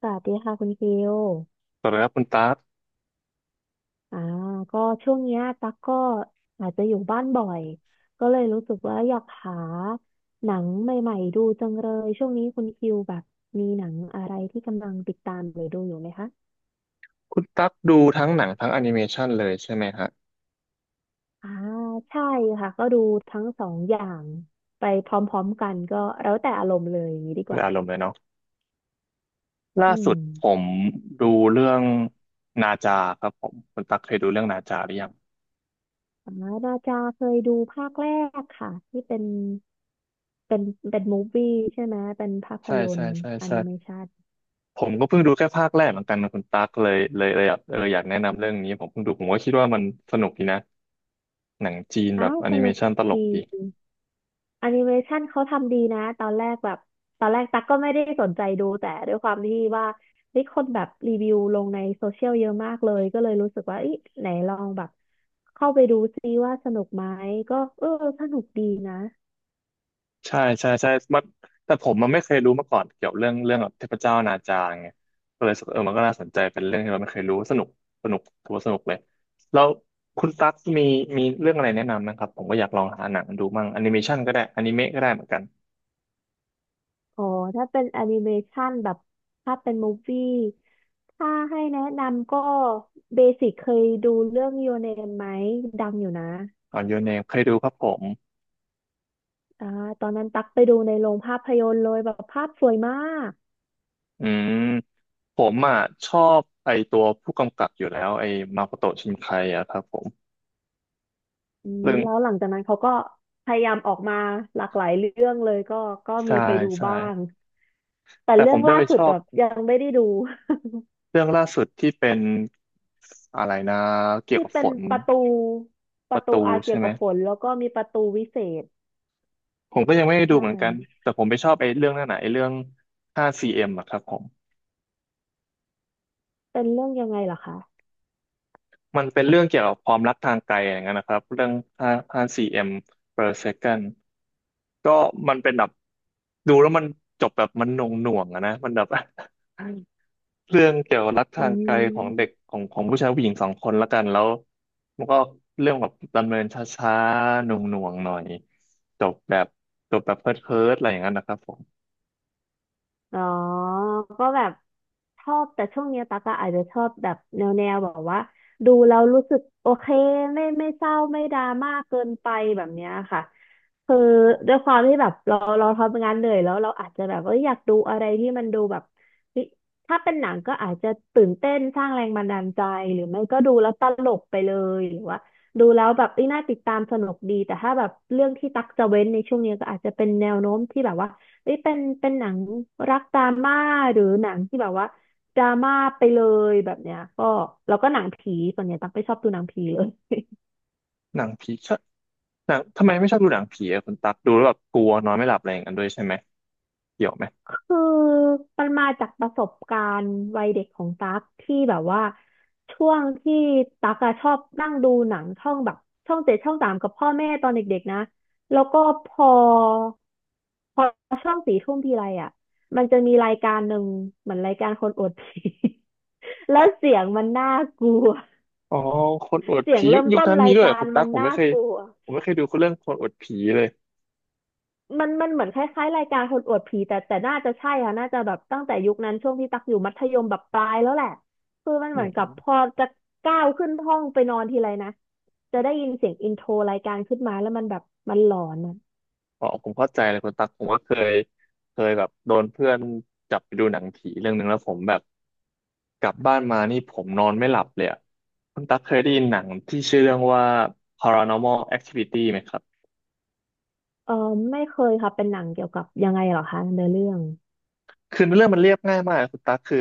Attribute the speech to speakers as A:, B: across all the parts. A: สวัสดีค่ะคุณฟิล
B: สวัสดีครับคุณตั๊ก
A: อ่าก็ช่วงเนี้ยตั๊กก็อาจจะอยู่บ้านบ่อยก็เลยรู้สึกว่าอยากหาหนังใหม่ๆดูจังเลยช่วงนี้คุณฟิลแบบมีหนังอะไรที่กำลังติดตามหรือดูอยู่ไหมคะ
B: คุณตั๊กดูทั้งหนังทั้งแอนิเมชันเลยใช่ไหมฮะ
A: อ่าใช่ค่ะก็ดูทั้งสองอย่างไปพร้อมๆกันก็แล้วแต่อารมณ์เลยอย่างนี้ดีก
B: เป็น
A: ว่า
B: อารมณ์เลยเนาะล่า
A: อื
B: สุ
A: ม
B: ดผมดูเรื่องนาจาครับผมคุณตั๊กเคยดูเรื่องนาจาหรือยัง
A: อ่านาจาเคยดูภาคแรกค่ะที่เป็นเป็นเป็นมูฟวี่ใช่ไหมเป็นภาพ
B: ใช่
A: ยน
B: ใช่
A: ตร์
B: ใช่
A: แอ
B: ใช่
A: นิเมชัน
B: ผมก็เพิ่งดูแค่ภาคแรกเหมือนกันนะคุณตั๊กเลยอยากอยากแนะนำเรื่องนี้ผมเพิ่งดูผมก็คิดว่ามันสนุกดีนะหนังจีนแบ
A: อ้า
B: บ
A: ว
B: แอ
A: ส
B: นิเม
A: นุก
B: ชันตล
A: ดี
B: กดี
A: แอนิเมชันเขาทำดีนะตอนแรกแบบตอนแรกตั๊กก็ไม่ได้สนใจดูแต่ด้วยความที่ว่ามีคนแบบรีวิวลงในโซเชียลเยอะมากเลยก็เลยรู้สึกว่าอีไหนลองแบบเข้าไปดูซิว่าสนุกไหมก็เออสนุกดีนะ
B: ใช่ใช่ใช่มันแต่ผมมันไม่เคยรู้มาก่อนเกี่ยวเรื่องแบบเทพเจ้านาจาไงก็เลยรู้สึกเออมันก็น่าสนใจเป็นเรื่องที่เราไม่เคยรู้สนุกสนุกถือว่าสนุกเลยแล้วคุณตั๊กมีเรื่องอะไรแนะนำนะครับผมก็อยากลองหาหนังดูมั่งแอนิเมชันก็ได้อนิเมะก็ได้เหมือนกัน
A: อ๋อถ้าเป็นแอนิเมชันแบบถ้าเป็นมูฟวี่ถ้าให้แนะนำก็เบสิกเคยดูเรื่อง Your Name ไหมดังอยู่นะ
B: อ๋อยูเนมเคยดูครับผม
A: อ่าตอนนั้นตักไปดูในโรงภาพยนตร์เลยแบบภาพสวยมาก
B: อืมผมอ่ะชอบไอตัวผู้กำกับอยู่แล้วไอมาโคโตะชินไคอะครับผม
A: อืม
B: เรื่อง
A: แล้วหลังจากนั้นเขาก็พยายามออกมาหลากหลายเรื่องเลยก็ก็มี
B: ใช่
A: ไปดู
B: ใช่
A: บ้างแต่
B: แต่ผ
A: เรื่อ
B: ม
A: ง
B: จะ
A: ล่า
B: ไป
A: สุ
B: ช
A: ด
B: อ
A: แบ
B: บ
A: บยังไม่ได้ดู
B: เรื่องล่าสุดที่เป็นอะไรนะ เกี่ยว
A: ที่
B: กับ
A: เป็
B: ฝ
A: น
B: น
A: ประตู
B: ประตู
A: อาเกี่
B: ใช่
A: ยว
B: ไหม
A: กับฝนแล้วก็มีประตูวิเศษ
B: ผมก็ยังไม่ได้ดู
A: ใช่
B: เหมือนกันแต่ผมไปชอบไอ้เรื่องนั่นน่ะไอ้เรื่อง 5cm อมอะครับผม
A: เป็นเรื่องยังไงเหรอคะ
B: มันเป็นเรื่องเกี่ยวกับความรักทางไกลอย่างนั้นนะครับเรื่อง5 5cm per second ก็มันเป็นแบบดูแล้วมันจบแบบมันหน่วงหน่วงอะนะมันแบบ เรื่องเกี่ยวกับรัก
A: อื
B: ทางไกลของเด็ก
A: ม
B: ของผู้ชายผู้หญิงสองคนละกันแล้วมันก็เรื่องแบบดำเนินช้าๆหน่วงหน่วงหน่อยจบแบบจบแบบเพิร์ดเพิร์ดอะไรอย่างนั้นนะครับผม
A: อ๋อก็แบบชอบแต่ช่วงเนี้ยตั๊กอะอาจจะชอบแบบแนวแบบว่าดูแล้วรู้สึกโอเคไม่เศร้าไม่ดราม่าเกินไปแบบเนี้ยค่ะคือด้วยความที่แบบเราทำงานเหนื่อยแล้วเราอาจจะแบบว่าอยากดูอะไรที่มันดูแบบเฮ้ยถ้าเป็นหนังก็อาจจะตื่นเต้นสร้างแรงบันดาลใจหรือไม่ก็ดูแล้วตลกไปเลยหรือว่าดูแล้วแบบเอ้ยน่าติดตามสนุกดีแต่ถ้าแบบเรื่องที่ตักจะเว้นในช่วงเนี้ยก็อาจจะเป็นแนวโน้มที่แบบว่า เอ้ยเป็นหนังรักดราม่าหรือหนังที่แบบว่าดราม่าไปเลยแบบเนี้ยก็แล้วก็หนังผีส่วนใหญ่ตั๊กไม่ชอบดูหนังผีเลย
B: หนังผีชอบหนังทำไมไม่ชอบดูหนังผีอะคุณตักดูแล้วแบบกลัวนอนไม่หลับอะไรอย่างนั้นด้วยใช่ไหมเกี่ยวไหม
A: คือมันมาจากประสบการณ์วัยเด็กของตั๊กที่แบบว่าช่วงที่ตั๊กอะชอบนั่งดูหนังช่องแบบช่องเจ็ดช่องสามกับพ่อแม่ตอนเด็กๆนะแล้วก็พอพอช่องสี่ทุ่มทีไรอ่ะมันจะมีรายการหนึ่งเหมือนรายการคนอวดผี แล้วเสียงมันน่ากลัว
B: อ๋อคนอวด
A: เสียง
B: ผียุค
A: เริ่ม
B: ยุค
A: ต้น
B: นั้นมี
A: ราย
B: ด้วยเหรอ
A: การ
B: คุณตั
A: มั
B: ก
A: น
B: ผมไม่
A: น่า
B: เคย
A: กลัว
B: ผมไม่เคยดูเรื่องคนอวดผีเลย
A: มันเหมือนคล้ายๆรายการคนอวดผีแต่น่าจะใช่ค่ะน่าจะแบบตั้งแต่ยุคนั้นช่วงที่ตักอยู่มัธยมแบบปลายแล้วแหละคือมันเหมือนกับพอจะก้าวขึ้นห้องไปนอนทีไรนะจะได้ยินเสียงอินโทรรายการขึ้นมาแล้วมันแบบมันหลอนอะ
B: อ๋อผมเข้าใจเลยคุณตั๊กผมก็เคยแบบโดนเพื่อนจับไปดูหนังผีเรื่องหนึ่งแล้วผมแบบกลับบ้านมานี่ผมนอนไม่หลับเลยอะคุณตั๊กเคยได้ยินหนังที่ชื่อเรื่องว่า Paranormal Activity ไหมครับ
A: เออไม่เคยค่ะเป็นหนังเกี่ยวกับยังไงเหรอคะในอเรื่อง
B: คือเรื่องมันเรียบง่ายมากคุณตั๊กคือ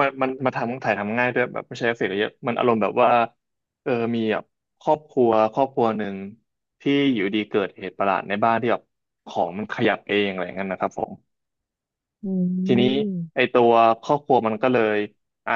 B: มันมาทำถ่ายทำง่ายด้วยแบบไม่ใช้เอฟเฟกต์อะไรเยอะมันอารมณ์แบบว่าเออมีแบบครอบครัวหนึ่งที่อยู่ดีเกิดเหตุประหลาดในบ้านที่แบบของมันขยับเองอะไรอย่างนั้นนะครับผม
A: อื
B: ทีนี้ไอ
A: ม
B: ตัวครอบครัวมันก็เลยอ่ะ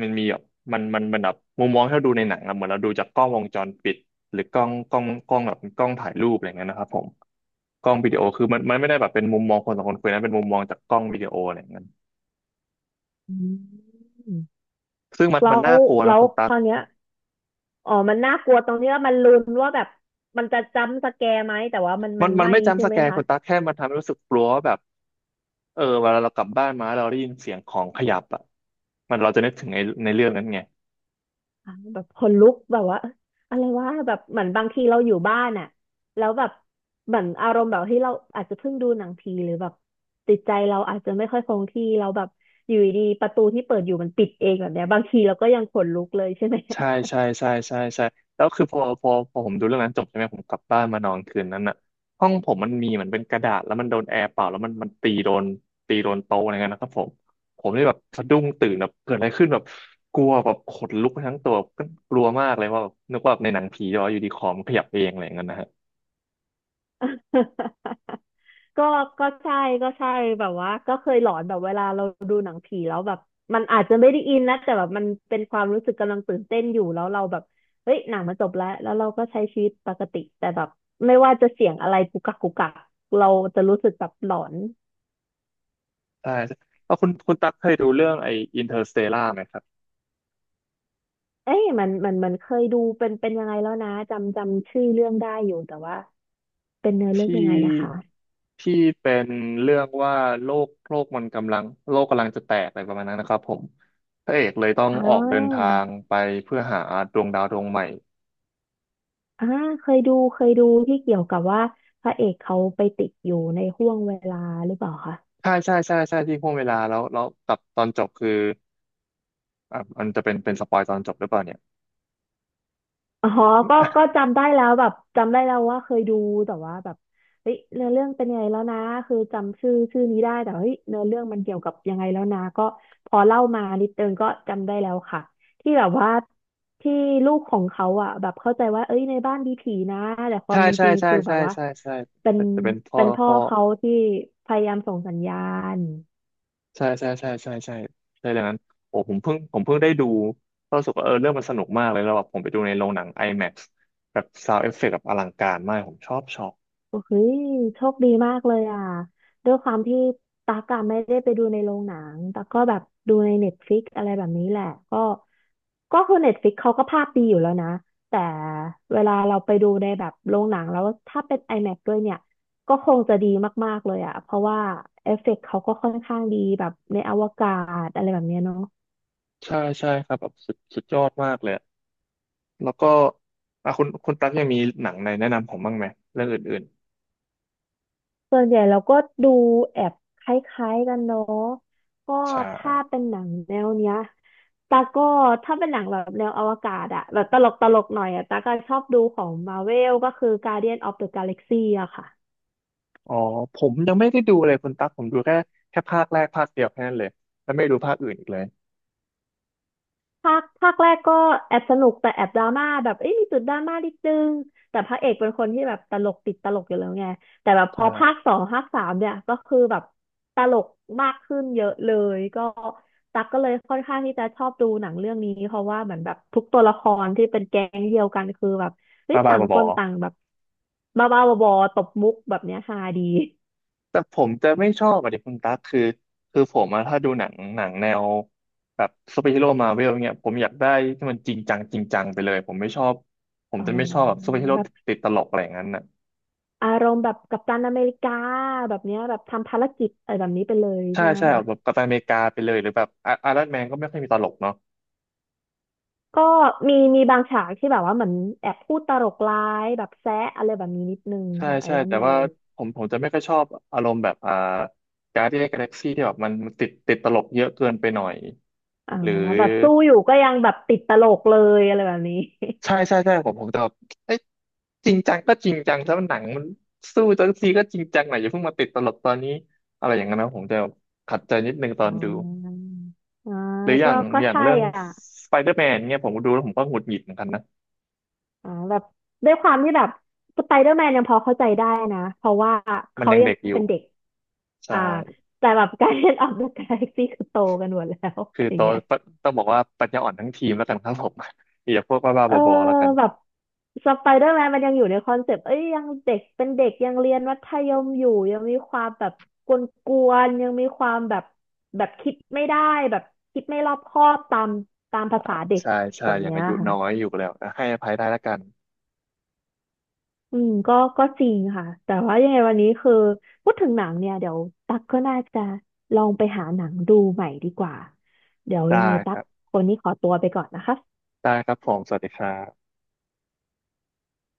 B: มันมีแบบมันแบบมุมมองที่เราดูในหนังอะเหมือนเราดูจากกล้องวงจรปิดหรือกล้องแบบกล้องถ่ายรูปอะไรเงี้ยนะครับผมกล้องวิดีโอคือมันไม่ได้แบบเป็นมุมมองคนสองคนคุยนะเป็นมุมมองจากกล้องวิดีโออะไรเงี้ย
A: อืม
B: ซึ่งมันมั
A: แล้
B: น
A: ว
B: น่ากลัวนะคุณ
A: ค
B: ตั๊ก
A: ราวเนี้ย อ๋อมันน่ากลัวตรงที่ว่ามันลุ้นว่าแบบมันจะจัมป์สแกร์ไหมแต่ว่า
B: มั
A: มั
B: น
A: น
B: มัน
A: ไม่
B: ไม่
A: ใช่
B: จำส
A: ไห
B: แก
A: ม
B: น
A: คะ
B: คุณตั๊กแค่มันทำให้รู้สึกกลัวว่าแบบเออเวลาเรากลับบ้านมาแล้วเราได้ยินเสียงของขยับอ่ะมันเราจะนึกถึงในเรื่องนั้นไง
A: อ่าแบบขนลุกแบบว่าเอ๊ะอะไรวะแบบเหมือนบางทีเราอยู่บ้านอ่ะแล้วแบบเหมือนอารมณ์แบบที่เราอาจจะเพิ่งดูหนังผีหรือแบบติดใจเราอาจจะไม่ค่อยคงที่เราแบบอยู่ดีๆประตูที่เปิดอยู่มันปิดเองแบบเนี้ยบางทีเราก็ยังขนลุกเลยใช่ไหม
B: ใช่ใช่ใช่ใช่ใช่แล้วคือพอผมดูเรื่องนั้นจบใช่ไหมผมกลับบ้านมานอนคืนนั้นน่ะห้องผมมันมีเหมือนเป็นกระดาษแล้วมันโดนแอร์เป่าแล้วมันตีโดนโต๊ะอะไรเงี้ยนะครับผมผมเลยแบบสะดุ้งตื่นแบบเกิดอะไรขึ้นแบบกลัวแบบขนลุกไปทั้งตัวก็กลัวมากเลยว่าแบบนึกว่าแบบในหนังผีจะว่าอยู่ดีคอมนขยับเองอะไรเงี้ยนะฮะ
A: ก็ก็ใช่ก็ใช่แบบว่าก็เคยหลอนแบบเวลาเราดูหนังผีแล้วแบบมันอาจจะไม่ได้อินนะแต่แบบมันเป็นความรู้สึกกำลังตื่นเต้นอยู่แล้วเราแบบเฮ้ยหนังมันจบแล้วแล้วเราก็ใช้ชีวิตปกติแต่แบบไม่ว่าจะเสียงอะไรกุกกักกุกกักเราจะรู้สึกแบบหลอน
B: ใช่แล้วคุณตั๊กเคยดูเรื่องไอ้อินเตอร์สเตลาไหมครับ
A: เอ้ยมันเคยดูเป็นยังไงแล้วนะจำชื่อเรื่องได้อยู่แต่ว่าเป็นเนื้อเรื่อง
B: ที
A: ยังไงนะคะ
B: ่ที่เป็นเรื่องว่าโลกมันกำลังโลกกำลังจะแตกอะไรประมาณนั้นนะครับผมพระเอกเลยต้อง
A: อ่
B: ออกเดินทา
A: า
B: งไปเพื่อหาดวงดาวดวงใหม่
A: อ่าเคยดูที่เกี่ยวกับว่าพระเอกเขาไปติดอยู่ในห้วงเวลาหรือเปล่าคะ
B: ใช่ใช่ใช่ใช่ที่พ่วงเวลาแล้วกับตอนจบคืออ่ะมันจะเป็นเป็นสปอยตอนจบหรือเปล่าเนี่ย
A: อ๋อก็จำได้แล้วแบบจำได้แล้วว่าเคยดูแต่ว่าแบบเฮ้ยเนื้อเรื่องเป็นยังไงแล้วนะคือจำชื่อนี้ได้แต่เฮ้ยเนื้อเรื่องมันเกี่ยวกับยังไงแล้วนะก็พอเล่ามานิดนึงก็จำได้แล้วค่ะที่แบบว่าที่ลูกของเขาอ่ะแบบเข้าใจว่าเอ้ยในบ้านมีผีนะแต่ควา
B: ใช่
A: มเป็น
B: ใช่
A: จริง
B: ใช่
A: คือแบ
B: ใช่
A: บว่า
B: ใช่ใช่
A: เป็น
B: จะเป็นพ่อ
A: พ่อ
B: พ่อ
A: เขาที่พยายามส่งสัญญาณ
B: ใช่ใช่ใช่ใช่ใช่ใช่ดังนั้นโอ้ผมเพิ่งได้ดูก็รู้สึกว่าเออเรื่องมันสนุกมากเลยแล้วแบบผมไปดูในโรงหนัง IMAX แบบซาวด์เอฟเฟกต์แบบอลังการมากผมชอบ
A: โอ้ยโชคดีมากเลยอ่ะด้วยความที่ตักอะไม่ได้ไปดูในโรงหนังตักก็แบบดูในเน็ตฟลิกอะไรแบบนี้แหละก็ก็คือเน็ตฟลิกเขาก็ภาพดีอยู่แล้วนะแต่เวลาเราไปดูในแบบโรงหนังแล้วถ้าเป็น IMAX ด้วยเนี่ยก็คงจะดีมากๆเลยอ่ะเพราะว่าเอฟเฟกต์เขาก็ค่อนข้างดีแบบในอวกาศอะไรแบบเนี้ยเนาะ
B: ใช่ใช่ครับแบบสุดยอดมากเลยอะแล้วก็อ่ะคุณตั๊กยังมีหนังในแนะนำผมบ้างไหมเรื่องอื่น
A: ส่วนใหญ่เราก็ดูแอบคล้ายๆกันเนาะก็
B: ๆใช
A: ถ้า
B: ่
A: เป็นหนังแนวเนี้ยตาก็ถ้าเป็นหนังแบบแนวอวกาศอะแบบตลกตลกหน่อยอะตาก็ชอบดูของมาเวลก็คือ Guardian of the Galaxy อะค่ะ
B: อ๋อผมยังไม่ได้ดูเลยคุณตั๊กผมดูแค่ภาคแรกภาคเดียวแค่นั้นเลยแล้วไม่ดูภาคอื่นอีกเลย
A: ภาคแรกก็แอบสนุกแต่แอบดราม่าแบบเอ้ยมีจุดดราม่านิดนึงแต่พระเอกเป็นคนที่แบบตลกติดตลกอยู่แล้วไงแต่แบบพ
B: ใช่
A: อภาคสองภาคสามเนี่ยก็คือแบบตลกมากขึ้นเยอะเลยก็ตักก็เลยค่อนข้างที่จะชอบดูหนังเรื่องนี้เพราะว่าเหมือนแบบทุกตัวละครที่เป็นแก๊งเดียวกันคือแบบเฮ้ย
B: บ้าบ้า
A: ต่าง
B: บ
A: ค
B: อ
A: นต่างแบบบ้าบ้าบอๆตบมุกแบบเนี้ยฮาดี
B: แต่ผมจะไม่ชอบอะดิคุณตั๊กคือคือผมอะถ้าดูหนังแนวแบบซูเปอร์ฮีโร่มาเวลเนี่ยผมอยากได้ที่มันจริงจังไปเลยผมไม่ชอบผม
A: อ๋อ
B: จะไม่ชอบแบบซูเปอร์ฮีโร่
A: แบบ
B: ติดตลกอะไรอย่างนั้นน่ะ
A: อารมณ์แบบกัปตันอเมริกาแบบเนี้ยแบบทำภารกิจอะไรแบบนี้ไปเลย
B: ใช่
A: ใช่ไหม
B: ใช่
A: คะ
B: แบบกัปตันอเมริกาไปเลยหรือแบบไอรอนแมนก็ไม่ค่อยมีตลกเนาะ
A: ก็มีบางฉากที่แบบว่าเหมือนแอบพูดตลกร้ายแบบแซะอะไรแบบนี้นิดนึง
B: ใช่
A: ของไอ
B: ใช่
A: รอน
B: แต่
A: แม
B: ว่า
A: น
B: ผมจะไม่ค่อยชอบอารมณ์แบบการ์ดเดียนกาแล็กซี่ที่แบบมันติดตลกเยอะเกินไปหน่อย
A: อ่า
B: หรือ
A: แบบสู้อยู่ก็ยังแบบติดตลกเลยอะไรแบบนี้
B: ใช่ใช่ใช่ผมจะแบบเอ้ยจริงจังก็จริงจังแล้วหนังมันสู้จังซีก็จริงจังหน่อยอย่าเพิ่งมาติดตลกตอนนี้อะไรอย่างนั้นนะผมจะขัดใจนิดนึงตอ น
A: อ่
B: ดู
A: าอ่า
B: หรือ
A: ก็ก็
B: อย่าง
A: ใช่
B: เรื่อง
A: อ่ะ
B: สไปเดอร์แมนเนี่ยผมดูแล้วผมก็หงุดหงิดเหมือนกันนะ
A: แบบด้วยความที่แบบสไปเดอร์แมนยังพอเข้าใจได้นะเพราะว่า
B: มัน
A: เขา
B: ยัง
A: ยัง
B: เด็กอ
A: เป็
B: ยู่
A: นเด็ก
B: ใช่
A: อ่าแต่แบบการเล่นออกเดอะกาแล็กซี่คือโตกันหมดแล้ว
B: คือ
A: อ
B: โต
A: ย่างเงี้ย
B: ต้องบอกว่าปัญญาอ่อนทั้งทีมแล้วกันครับผม อย่าพวกบ้า
A: เอ
B: ๆ
A: อ
B: บอๆแล้วกัน
A: แบบสไปเดอร์แมนมันยังอยู่ในคอนเซปต์เอ้ยยังเด็กเป็นเด็กยังเรียนมัธยมอยู่ยังมีความแบบกวนๆยังมีความแบบแบบคิดไม่ได้แบบคิดไม่รอบคอบตามภาษาเด็ก
B: ใช่ใช่
A: แบบ
B: อย่าง
A: เนี้ย
B: อายุน้อย
A: ค่ะ
B: อยู่แล้วให้อภัยได้แล้วกัน
A: อืมก็จริงค่ะแต่ว่ายังไงวันนี้คือพูดถึงหนังเนี่ยเดี๋ยวตั๊กก็น่าจะลองไปหาหนังดูใหม่ดีกว่าเดี๋ยว
B: ได้
A: ยังไง
B: ค
A: ตั๊ก
B: รับ
A: คนนี้ขอตัวไปก่อนนะคะ
B: ผมสวัสดีครับ